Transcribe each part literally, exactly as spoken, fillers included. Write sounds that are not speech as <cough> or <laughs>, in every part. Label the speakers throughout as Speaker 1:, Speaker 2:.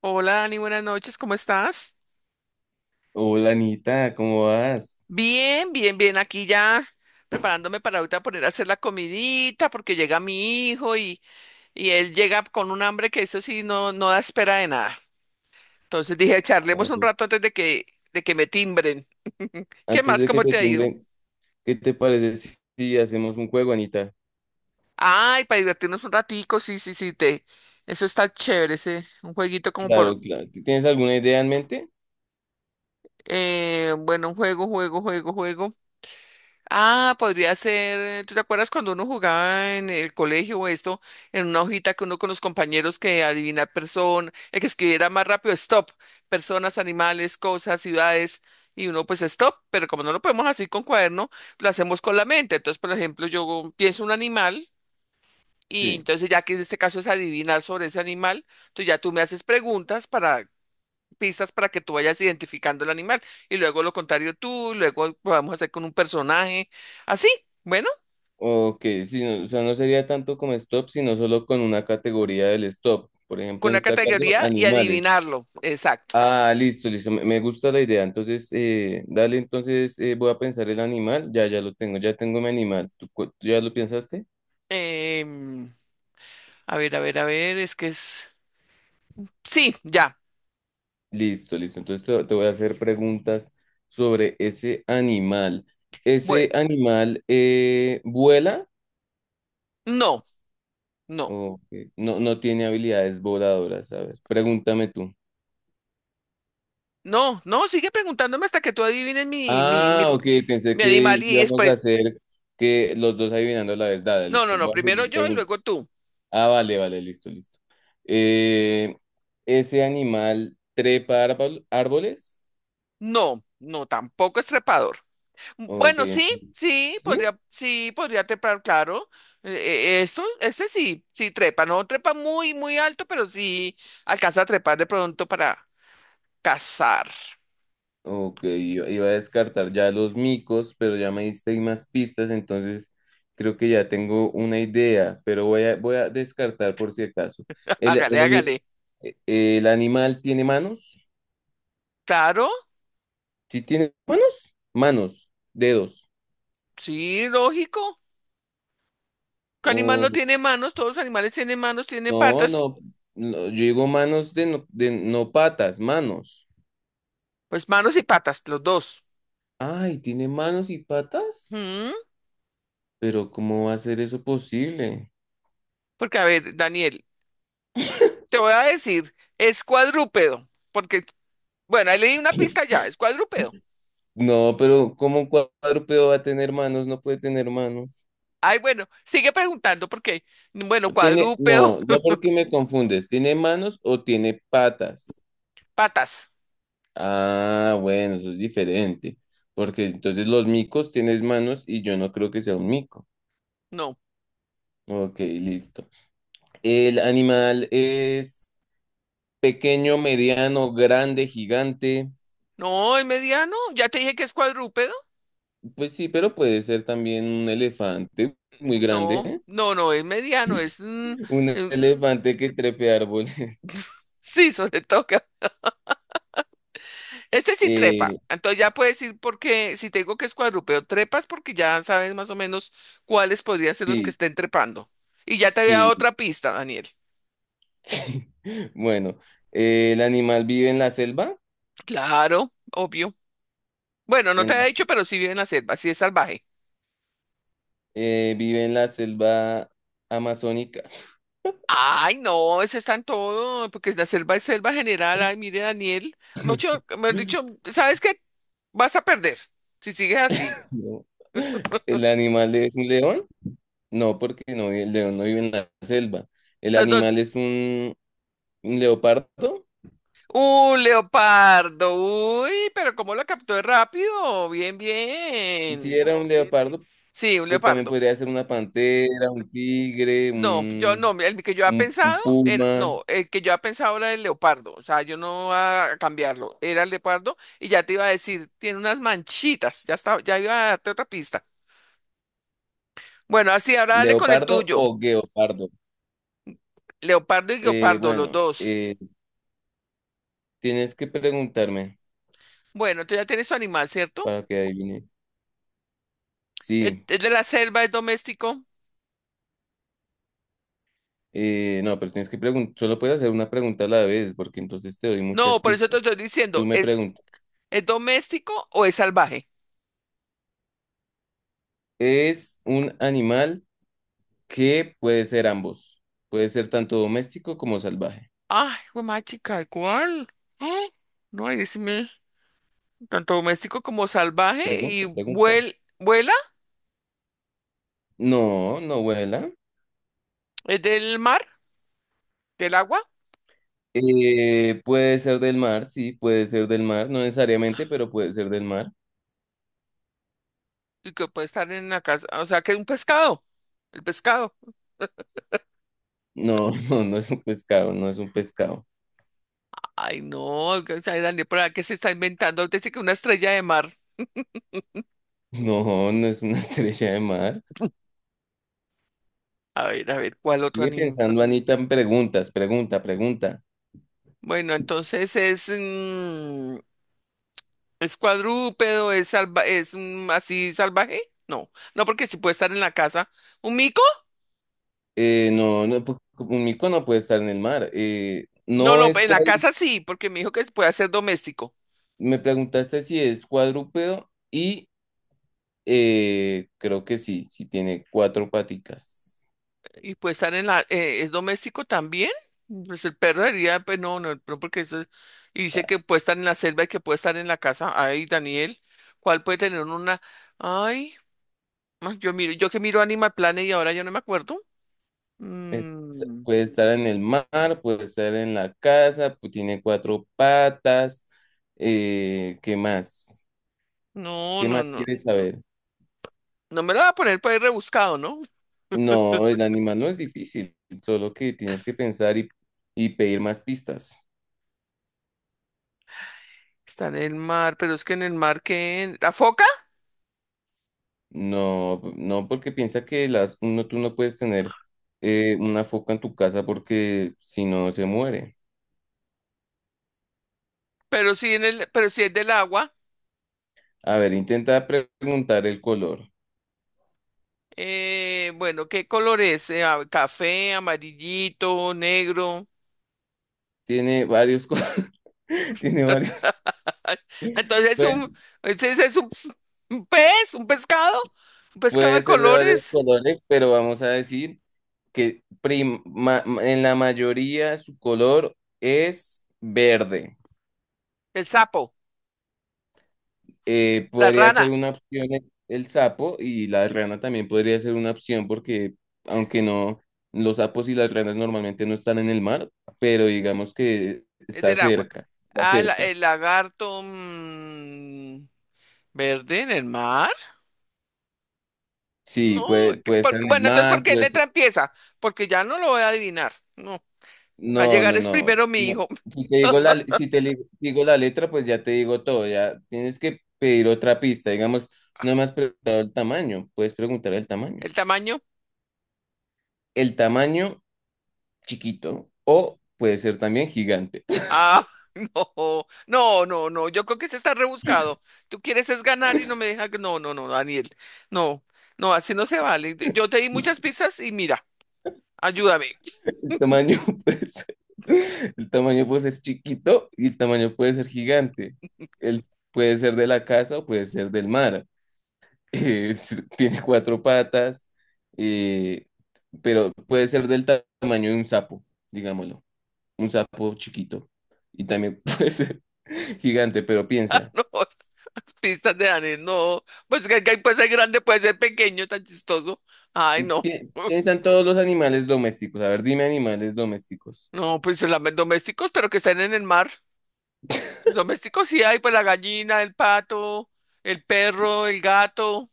Speaker 1: Hola, Dani, buenas noches, ¿cómo estás?
Speaker 2: Hola Anita, ¿cómo vas?
Speaker 1: Bien, bien, bien, aquí ya preparándome para ahorita poner a hacer la comidita porque llega mi hijo y, y él llega con un hambre que eso sí no, no da espera de nada. Entonces dije, charlemos
Speaker 2: Ah,
Speaker 1: un rato antes de que, de que me timbren. ¿Qué
Speaker 2: Antes
Speaker 1: más?
Speaker 2: de que
Speaker 1: ¿Cómo
Speaker 2: te
Speaker 1: te ha ido?
Speaker 2: timbren, ¿qué te parece si si hacemos un juego, Anita?
Speaker 1: Ay, para divertirnos un ratico, sí, sí, sí, te... Eso está chévere, ese, un jueguito como por,
Speaker 2: Claro, claro. ¿Tienes alguna idea en mente?
Speaker 1: eh, bueno, un juego, juego, juego, juego. Ah, podría ser, ¿tú te acuerdas cuando uno jugaba en el colegio o esto, en una hojita que uno con los compañeros que adivinar persona, el que escribiera más rápido, stop, personas, animales, cosas, ciudades, y uno pues stop, pero como no lo podemos así con cuaderno, lo hacemos con la mente. Entonces, por ejemplo, yo pienso un animal y
Speaker 2: Sí.
Speaker 1: entonces ya que en este caso es adivinar sobre ese animal, entonces ya tú me haces preguntas para pistas para que tú vayas identificando el animal y luego lo contrario tú, y luego lo vamos a hacer con un personaje, así, bueno,
Speaker 2: Ok, sí, no, o sea, no sería tanto como stop, sino solo con una categoría del stop. Por ejemplo,
Speaker 1: con
Speaker 2: en
Speaker 1: una
Speaker 2: este caso,
Speaker 1: categoría y
Speaker 2: animales.
Speaker 1: adivinarlo, exacto.
Speaker 2: Ah, listo, listo. Me, me gusta la idea. Entonces, eh, dale, entonces eh, voy a pensar el animal. Ya, ya lo tengo, ya tengo mi animal. ¿Tú, cu- tú ya lo pensaste?
Speaker 1: Em, a ver, a ver, a ver, es que es... Sí, ya,
Speaker 2: Listo, listo. Entonces te, te voy a hacer preguntas sobre ese animal.
Speaker 1: bueno,
Speaker 2: ¿Ese animal eh, vuela
Speaker 1: no, no,
Speaker 2: o qué? ¿No, no tiene habilidades voladoras? A ver, pregúntame tú.
Speaker 1: no, no, sigue preguntándome hasta que tú adivines mi, mi, mi,
Speaker 2: Ah, ok, pensé
Speaker 1: mi animal
Speaker 2: que
Speaker 1: y
Speaker 2: íbamos a
Speaker 1: después,
Speaker 2: hacer que los dos adivinando a la vez. Dale,
Speaker 1: no, no,
Speaker 2: listo.
Speaker 1: no,
Speaker 2: Voy a
Speaker 1: primero
Speaker 2: seguir
Speaker 1: yo y
Speaker 2: preguntando.
Speaker 1: luego tú.
Speaker 2: Ah, vale, vale, listo, listo. Eh, ¿ese animal trepa árbol- árboles?
Speaker 1: No, no, tampoco es trepador.
Speaker 2: Ok,
Speaker 1: Bueno,
Speaker 2: ent-
Speaker 1: sí, sí,
Speaker 2: ¿sí?
Speaker 1: podría, sí, podría trepar, claro. Eh, eh, esto, este sí, sí trepa, no trepa muy, muy alto, pero sí alcanza a trepar de pronto para cazar.
Speaker 2: Ok, iba iba a descartar ya los micos, pero ya me diste ahí más pistas, entonces creo que ya tengo una idea, pero voy a, voy a descartar por si acaso.
Speaker 1: <laughs>
Speaker 2: ¿El,
Speaker 1: Hágale,
Speaker 2: el, ani-
Speaker 1: hágale.
Speaker 2: eh, el animal tiene manos?
Speaker 1: Claro,
Speaker 2: ¿Sí tiene manos? Manos, dedos.
Speaker 1: sí, lógico. ¿Qué animal no
Speaker 2: O
Speaker 1: tiene manos? Todos los animales tienen manos, tienen
Speaker 2: no,
Speaker 1: patas.
Speaker 2: no, no, yo digo manos de no, de no patas, manos.
Speaker 1: Pues manos y patas, los dos.
Speaker 2: Ay, ¿tiene manos y patas?
Speaker 1: Mm,
Speaker 2: Pero ¿cómo va a ser eso posible?
Speaker 1: porque, a ver, Daniel, te voy a decir, es cuadrúpedo, porque, bueno, ahí leí una pista ya, es cuadrúpedo.
Speaker 2: No, pero ¿cómo un cuadrúpedo va a tener manos? No puede tener manos.
Speaker 1: Ay, bueno, sigue preguntando porque, bueno,
Speaker 2: Tiene,
Speaker 1: cuadrúpedo,
Speaker 2: no, no porque me confundes. ¿Tiene manos o tiene patas?
Speaker 1: <laughs> patas.
Speaker 2: Ah, bueno, eso es diferente. Porque entonces los micos tienes manos y yo no creo que sea un mico.
Speaker 1: No,
Speaker 2: Ok, listo. El animal es pequeño, mediano, grande, gigante.
Speaker 1: no, es mediano. Ya te dije que es cuadrúpedo.
Speaker 2: Pues sí, pero puede ser también un elefante muy
Speaker 1: No,
Speaker 2: grande.
Speaker 1: no, no, es mediano, es... mm,
Speaker 2: <laughs> Un
Speaker 1: mm,
Speaker 2: elefante que trepe árboles. <laughs>
Speaker 1: sí, <laughs> sobre todo. Que- este sí trepa.
Speaker 2: Eh,
Speaker 1: Entonces ya puedes ir porque, si te digo que es cuadrúpedo, trepas porque ya sabes más o menos cuáles podrían ser los que
Speaker 2: sí.
Speaker 1: estén trepando. Y ya te había dado
Speaker 2: Sí,
Speaker 1: otra pista, Daniel.
Speaker 2: Sí. <laughs> Bueno, eh, el animal vive en la selva,
Speaker 1: Claro, obvio. Bueno, no te
Speaker 2: en la
Speaker 1: había
Speaker 2: se-
Speaker 1: dicho, pero sí vive en la selva, sí es salvaje.
Speaker 2: eh, vive en la selva amazónica.
Speaker 1: Ay, no, ese está en todo, porque la selva es selva general. Ay, mire, Daniel. Mucho, me han dicho,
Speaker 2: <laughs>
Speaker 1: ¿sabes qué? Vas a perder si sigues así.
Speaker 2: No. ¿El animal es un león? No, porque no, el león no vive en la selva. ¿El
Speaker 1: Entonces, don-
Speaker 2: animal es un, un leopardo?
Speaker 1: un leopardo. Uy, pero ¿cómo lo captó de rápido? Bien,
Speaker 2: Si
Speaker 1: bien.
Speaker 2: era un leopardo,
Speaker 1: Sí, un
Speaker 2: pues también
Speaker 1: leopardo.
Speaker 2: podría ser una pantera, un tigre,
Speaker 1: No, yo
Speaker 2: un,
Speaker 1: no, el que yo había
Speaker 2: un-
Speaker 1: pensado,
Speaker 2: un
Speaker 1: era-
Speaker 2: puma,
Speaker 1: no, el que yo había pensado era el leopardo. O sea, yo no iba a cambiarlo. Era el leopardo y ya te iba a decir, tiene unas manchitas. Ya estaba, ya iba a darte otra pista. Bueno, así, ahora dale con el
Speaker 2: leopardo
Speaker 1: tuyo.
Speaker 2: o guepardo.
Speaker 1: Leopardo y
Speaker 2: Eh,
Speaker 1: guepardo, los
Speaker 2: bueno,
Speaker 1: dos.
Speaker 2: eh, tienes que preguntarme
Speaker 1: Bueno, tú ya tienes tu animal, ¿cierto?
Speaker 2: para que adivines.
Speaker 1: ¿Es
Speaker 2: Sí,
Speaker 1: es de la selva, es doméstico?
Speaker 2: eh, no, pero tienes que preguntar, solo puedes hacer una pregunta a la vez, porque entonces te doy muchas
Speaker 1: No, por eso te
Speaker 2: pistas.
Speaker 1: estoy
Speaker 2: Tú
Speaker 1: diciendo,
Speaker 2: me
Speaker 1: ¿es,
Speaker 2: preguntas,
Speaker 1: es doméstico o es salvaje?
Speaker 2: ¿es un animal que puede ser ambos? Puede ser tanto doméstico como salvaje.
Speaker 1: Ay, güey, chica, ¿cuál? Ah, no, ahí decime, tanto doméstico como salvaje y
Speaker 2: Pregunta, pregunta.
Speaker 1: vuel- vuela,
Speaker 2: No, no vuela.
Speaker 1: es del mar, del agua,
Speaker 2: Eh, puede ser del mar, sí, puede ser del mar, no necesariamente, pero puede ser del mar.
Speaker 1: y que puede estar en la casa, o sea, que es un pescado, el pescado.
Speaker 2: No, <laughs> no, no es un pescado, no es un pescado.
Speaker 1: Ay, no, que- o sea, Daniel, ¿para qué se está inventando? Dice que una estrella de mar.
Speaker 2: No, no es una <laughs> estrella de mar.
Speaker 1: A ver, a ver, ¿cuál otro
Speaker 2: Sigue
Speaker 1: animal?
Speaker 2: pensando, Anita, en preguntas, pregunta, pregunta.
Speaker 1: Bueno, entonces es, mm, es cuadrúpedo, es salva, es mm, así salvaje. No, no, porque si puede estar en la casa. ¿Un mico?
Speaker 2: Eh, no, no, pu- un mico no puede estar en el mar. Eh,
Speaker 1: No,
Speaker 2: no
Speaker 1: no,
Speaker 2: es
Speaker 1: en la
Speaker 2: cuadru-
Speaker 1: casa sí, porque me dijo que puede ser doméstico.
Speaker 2: me preguntaste si es cuadrúpedo y eh, creo que sí, sí tiene cuatro paticas.
Speaker 1: Y puede estar en la, eh, ¿es doméstico también? Pues el perro diría, pues no, no, no, porque eso es- y dice que puede estar en la selva y que puede estar en la casa. Ay, Daniel, ¿cuál puede tener una? Ay, ah, yo miro, yo que miro Animal Planet y ahora yo no me acuerdo.
Speaker 2: Es-
Speaker 1: Mm,
Speaker 2: puede estar en el mar, puede estar en la casa, pues tiene cuatro patas. Eh, ¿qué más?
Speaker 1: no,
Speaker 2: ¿Qué
Speaker 1: no,
Speaker 2: más
Speaker 1: no.
Speaker 2: quieres saber?
Speaker 1: No me lo va a poner para ir rebuscado, ¿no?
Speaker 2: No, el animal no es difícil, solo que tienes que pensar y, y pedir más pistas.
Speaker 1: Está en el mar, pero es que en el mar que la foca,
Speaker 2: No, no, porque piensa que las, uno, tú no puedes tener eh, una foca en tu casa porque si no se muere.
Speaker 1: pero sí en el, pero sí es del agua.
Speaker 2: A ver, intenta pre- preguntar el color.
Speaker 1: Eh, bueno, ¿qué color es? Eh, a- café, amarillito, negro.
Speaker 2: Tiene varios colores, <laughs> tiene varios,
Speaker 1: Ah, entonces es
Speaker 2: puede,
Speaker 1: un, ese ese es un, un pez, un pescado, un pescado
Speaker 2: puede
Speaker 1: de
Speaker 2: ser de varios
Speaker 1: colores.
Speaker 2: colores, pero vamos a decir que prim- ma- en la mayoría su color es verde.
Speaker 1: El sapo,
Speaker 2: Eh,
Speaker 1: la
Speaker 2: podría
Speaker 1: rana,
Speaker 2: ser una opción el, el sapo y la rana también podría ser una opción porque aunque no, los sapos y las ranas normalmente no están en el mar, pero digamos que
Speaker 1: es
Speaker 2: está
Speaker 1: del agua.
Speaker 2: cerca, está
Speaker 1: Ah, la-
Speaker 2: cerca.
Speaker 1: el lagarto mm, verde en el mar.
Speaker 2: Sí,
Speaker 1: No,
Speaker 2: puede,
Speaker 1: que
Speaker 2: puede
Speaker 1: por-
Speaker 2: estar en el
Speaker 1: bueno, entonces, ¿por
Speaker 2: mar,
Speaker 1: qué
Speaker 2: pues
Speaker 1: letra empieza? Porque ya no lo voy a adivinar. No, va a
Speaker 2: no,
Speaker 1: llegar
Speaker 2: no,
Speaker 1: es
Speaker 2: no,
Speaker 1: primero mi
Speaker 2: no.
Speaker 1: hijo.
Speaker 2: Si te digo la, si te li- digo la letra, pues ya te digo todo, ya tienes que pedir otra pista, digamos, no me has
Speaker 1: <laughs>
Speaker 2: preguntado el tamaño, puedes preguntar el tamaño.
Speaker 1: ¿El tamaño?
Speaker 2: El tamaño chiquito o puede ser también gigante.
Speaker 1: Ah, <laughs> no, no, no, no. Yo creo que se está rebuscado. Tú quieres es ganar y no me deja. No, no, no, Daniel. No, no, así no se vale.
Speaker 2: <laughs>
Speaker 1: Yo te di muchas pistas y mira, ayúdame.
Speaker 2: El tamaño <laughs> puede ser, el tamaño puede ser chiquito y el tamaño puede ser gigante.
Speaker 1: <laughs>
Speaker 2: El, puede ser de la casa o puede ser del mar. <laughs> Es- tiene cuatro patas, eh, pero puede ser del ta- tamaño de un sapo, digámoslo. Un sapo chiquito. Y también <laughs> puede ser gigante, pero piensa.
Speaker 1: No, las pistas de Daniel, no. Pues que que puede ser grande, puede ser pequeño, tan chistoso. Ay, no.
Speaker 2: Pi- piensa
Speaker 1: <laughs>
Speaker 2: en todos los animales domésticos. A ver, dime animales domésticos.
Speaker 1: No, pues los domésticos, pero que están en el mar. Domésticos sí hay, pues la gallina, el pato, el perro, el gato.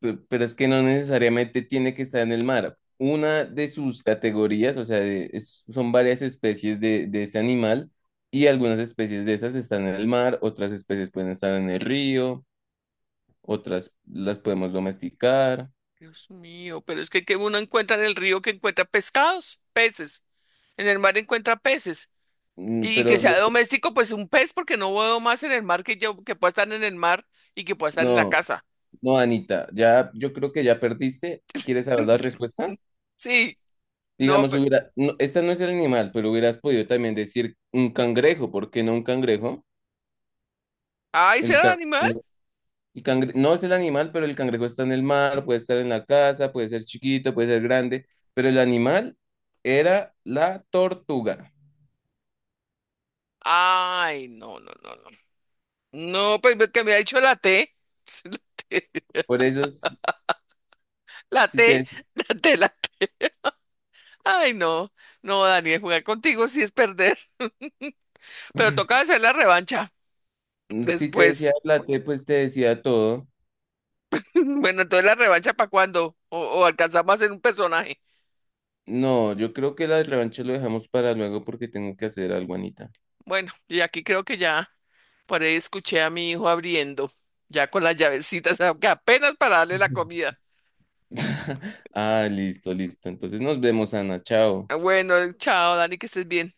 Speaker 2: Pe- Pero es que no necesariamente tiene que estar en el mar. Una de sus categorías, o sea, de- es- son varias especies de, de ese animal y algunas especies de esas están en el mar, otras especies pueden estar en el río, otras las podemos domesticar.
Speaker 1: Dios mío, pero es que, que uno encuentra en el río que encuentra pescados, peces. En el mar encuentra peces.
Speaker 2: Mm,
Speaker 1: Y que
Speaker 2: pero
Speaker 1: sea
Speaker 2: los-
Speaker 1: doméstico, pues un pez, porque no veo más en el mar que yo, que pueda estar en el mar y que pueda estar en la
Speaker 2: no,
Speaker 1: casa.
Speaker 2: no, Anita, ya yo creo que ya perdiste. ¿Quieres saber la respuesta?
Speaker 1: <laughs> Sí, no,
Speaker 2: Digamos,
Speaker 1: pues,
Speaker 2: hubiera, no, esta no es el animal, pero hubieras podido también decir un cangrejo, ¿por qué no un cangrejo?
Speaker 1: ay,
Speaker 2: El
Speaker 1: ¿será
Speaker 2: cangrejo.
Speaker 1: animal?
Speaker 2: El cangre- no es el animal, pero el cangrejo está en el mar, puede estar en la casa, puede ser chiquito, puede ser grande, pero el animal era la tortuga.
Speaker 1: Ay, no, no, no, no. No, pues que me ha dicho la te. <laughs>
Speaker 2: Por eso, s-
Speaker 1: La
Speaker 2: si
Speaker 1: te,
Speaker 2: te,
Speaker 1: la te, la te, la T. Ay, no, no, Daniel, jugar contigo sí es perder. <laughs> Pero toca hacer la revancha
Speaker 2: si te decía
Speaker 1: después.
Speaker 2: la pues te decía todo.
Speaker 1: <laughs> Bueno, entonces, ¿la revancha para cuándo? O, o alcanzamos a hacer un personaje.
Speaker 2: No, yo creo que la del revancha lo dejamos para luego porque tengo que hacer algo, Anita.
Speaker 1: Bueno, y aquí creo que ya por ahí escuché a mi hijo abriendo, ya con las llavecitas, <laughs> aunque apenas para darle la
Speaker 2: <laughs>
Speaker 1: comida.
Speaker 2: Ah, listo, listo. Entonces nos vemos, Ana. Chao.
Speaker 1: Bueno, chao, Dani, que estés bien.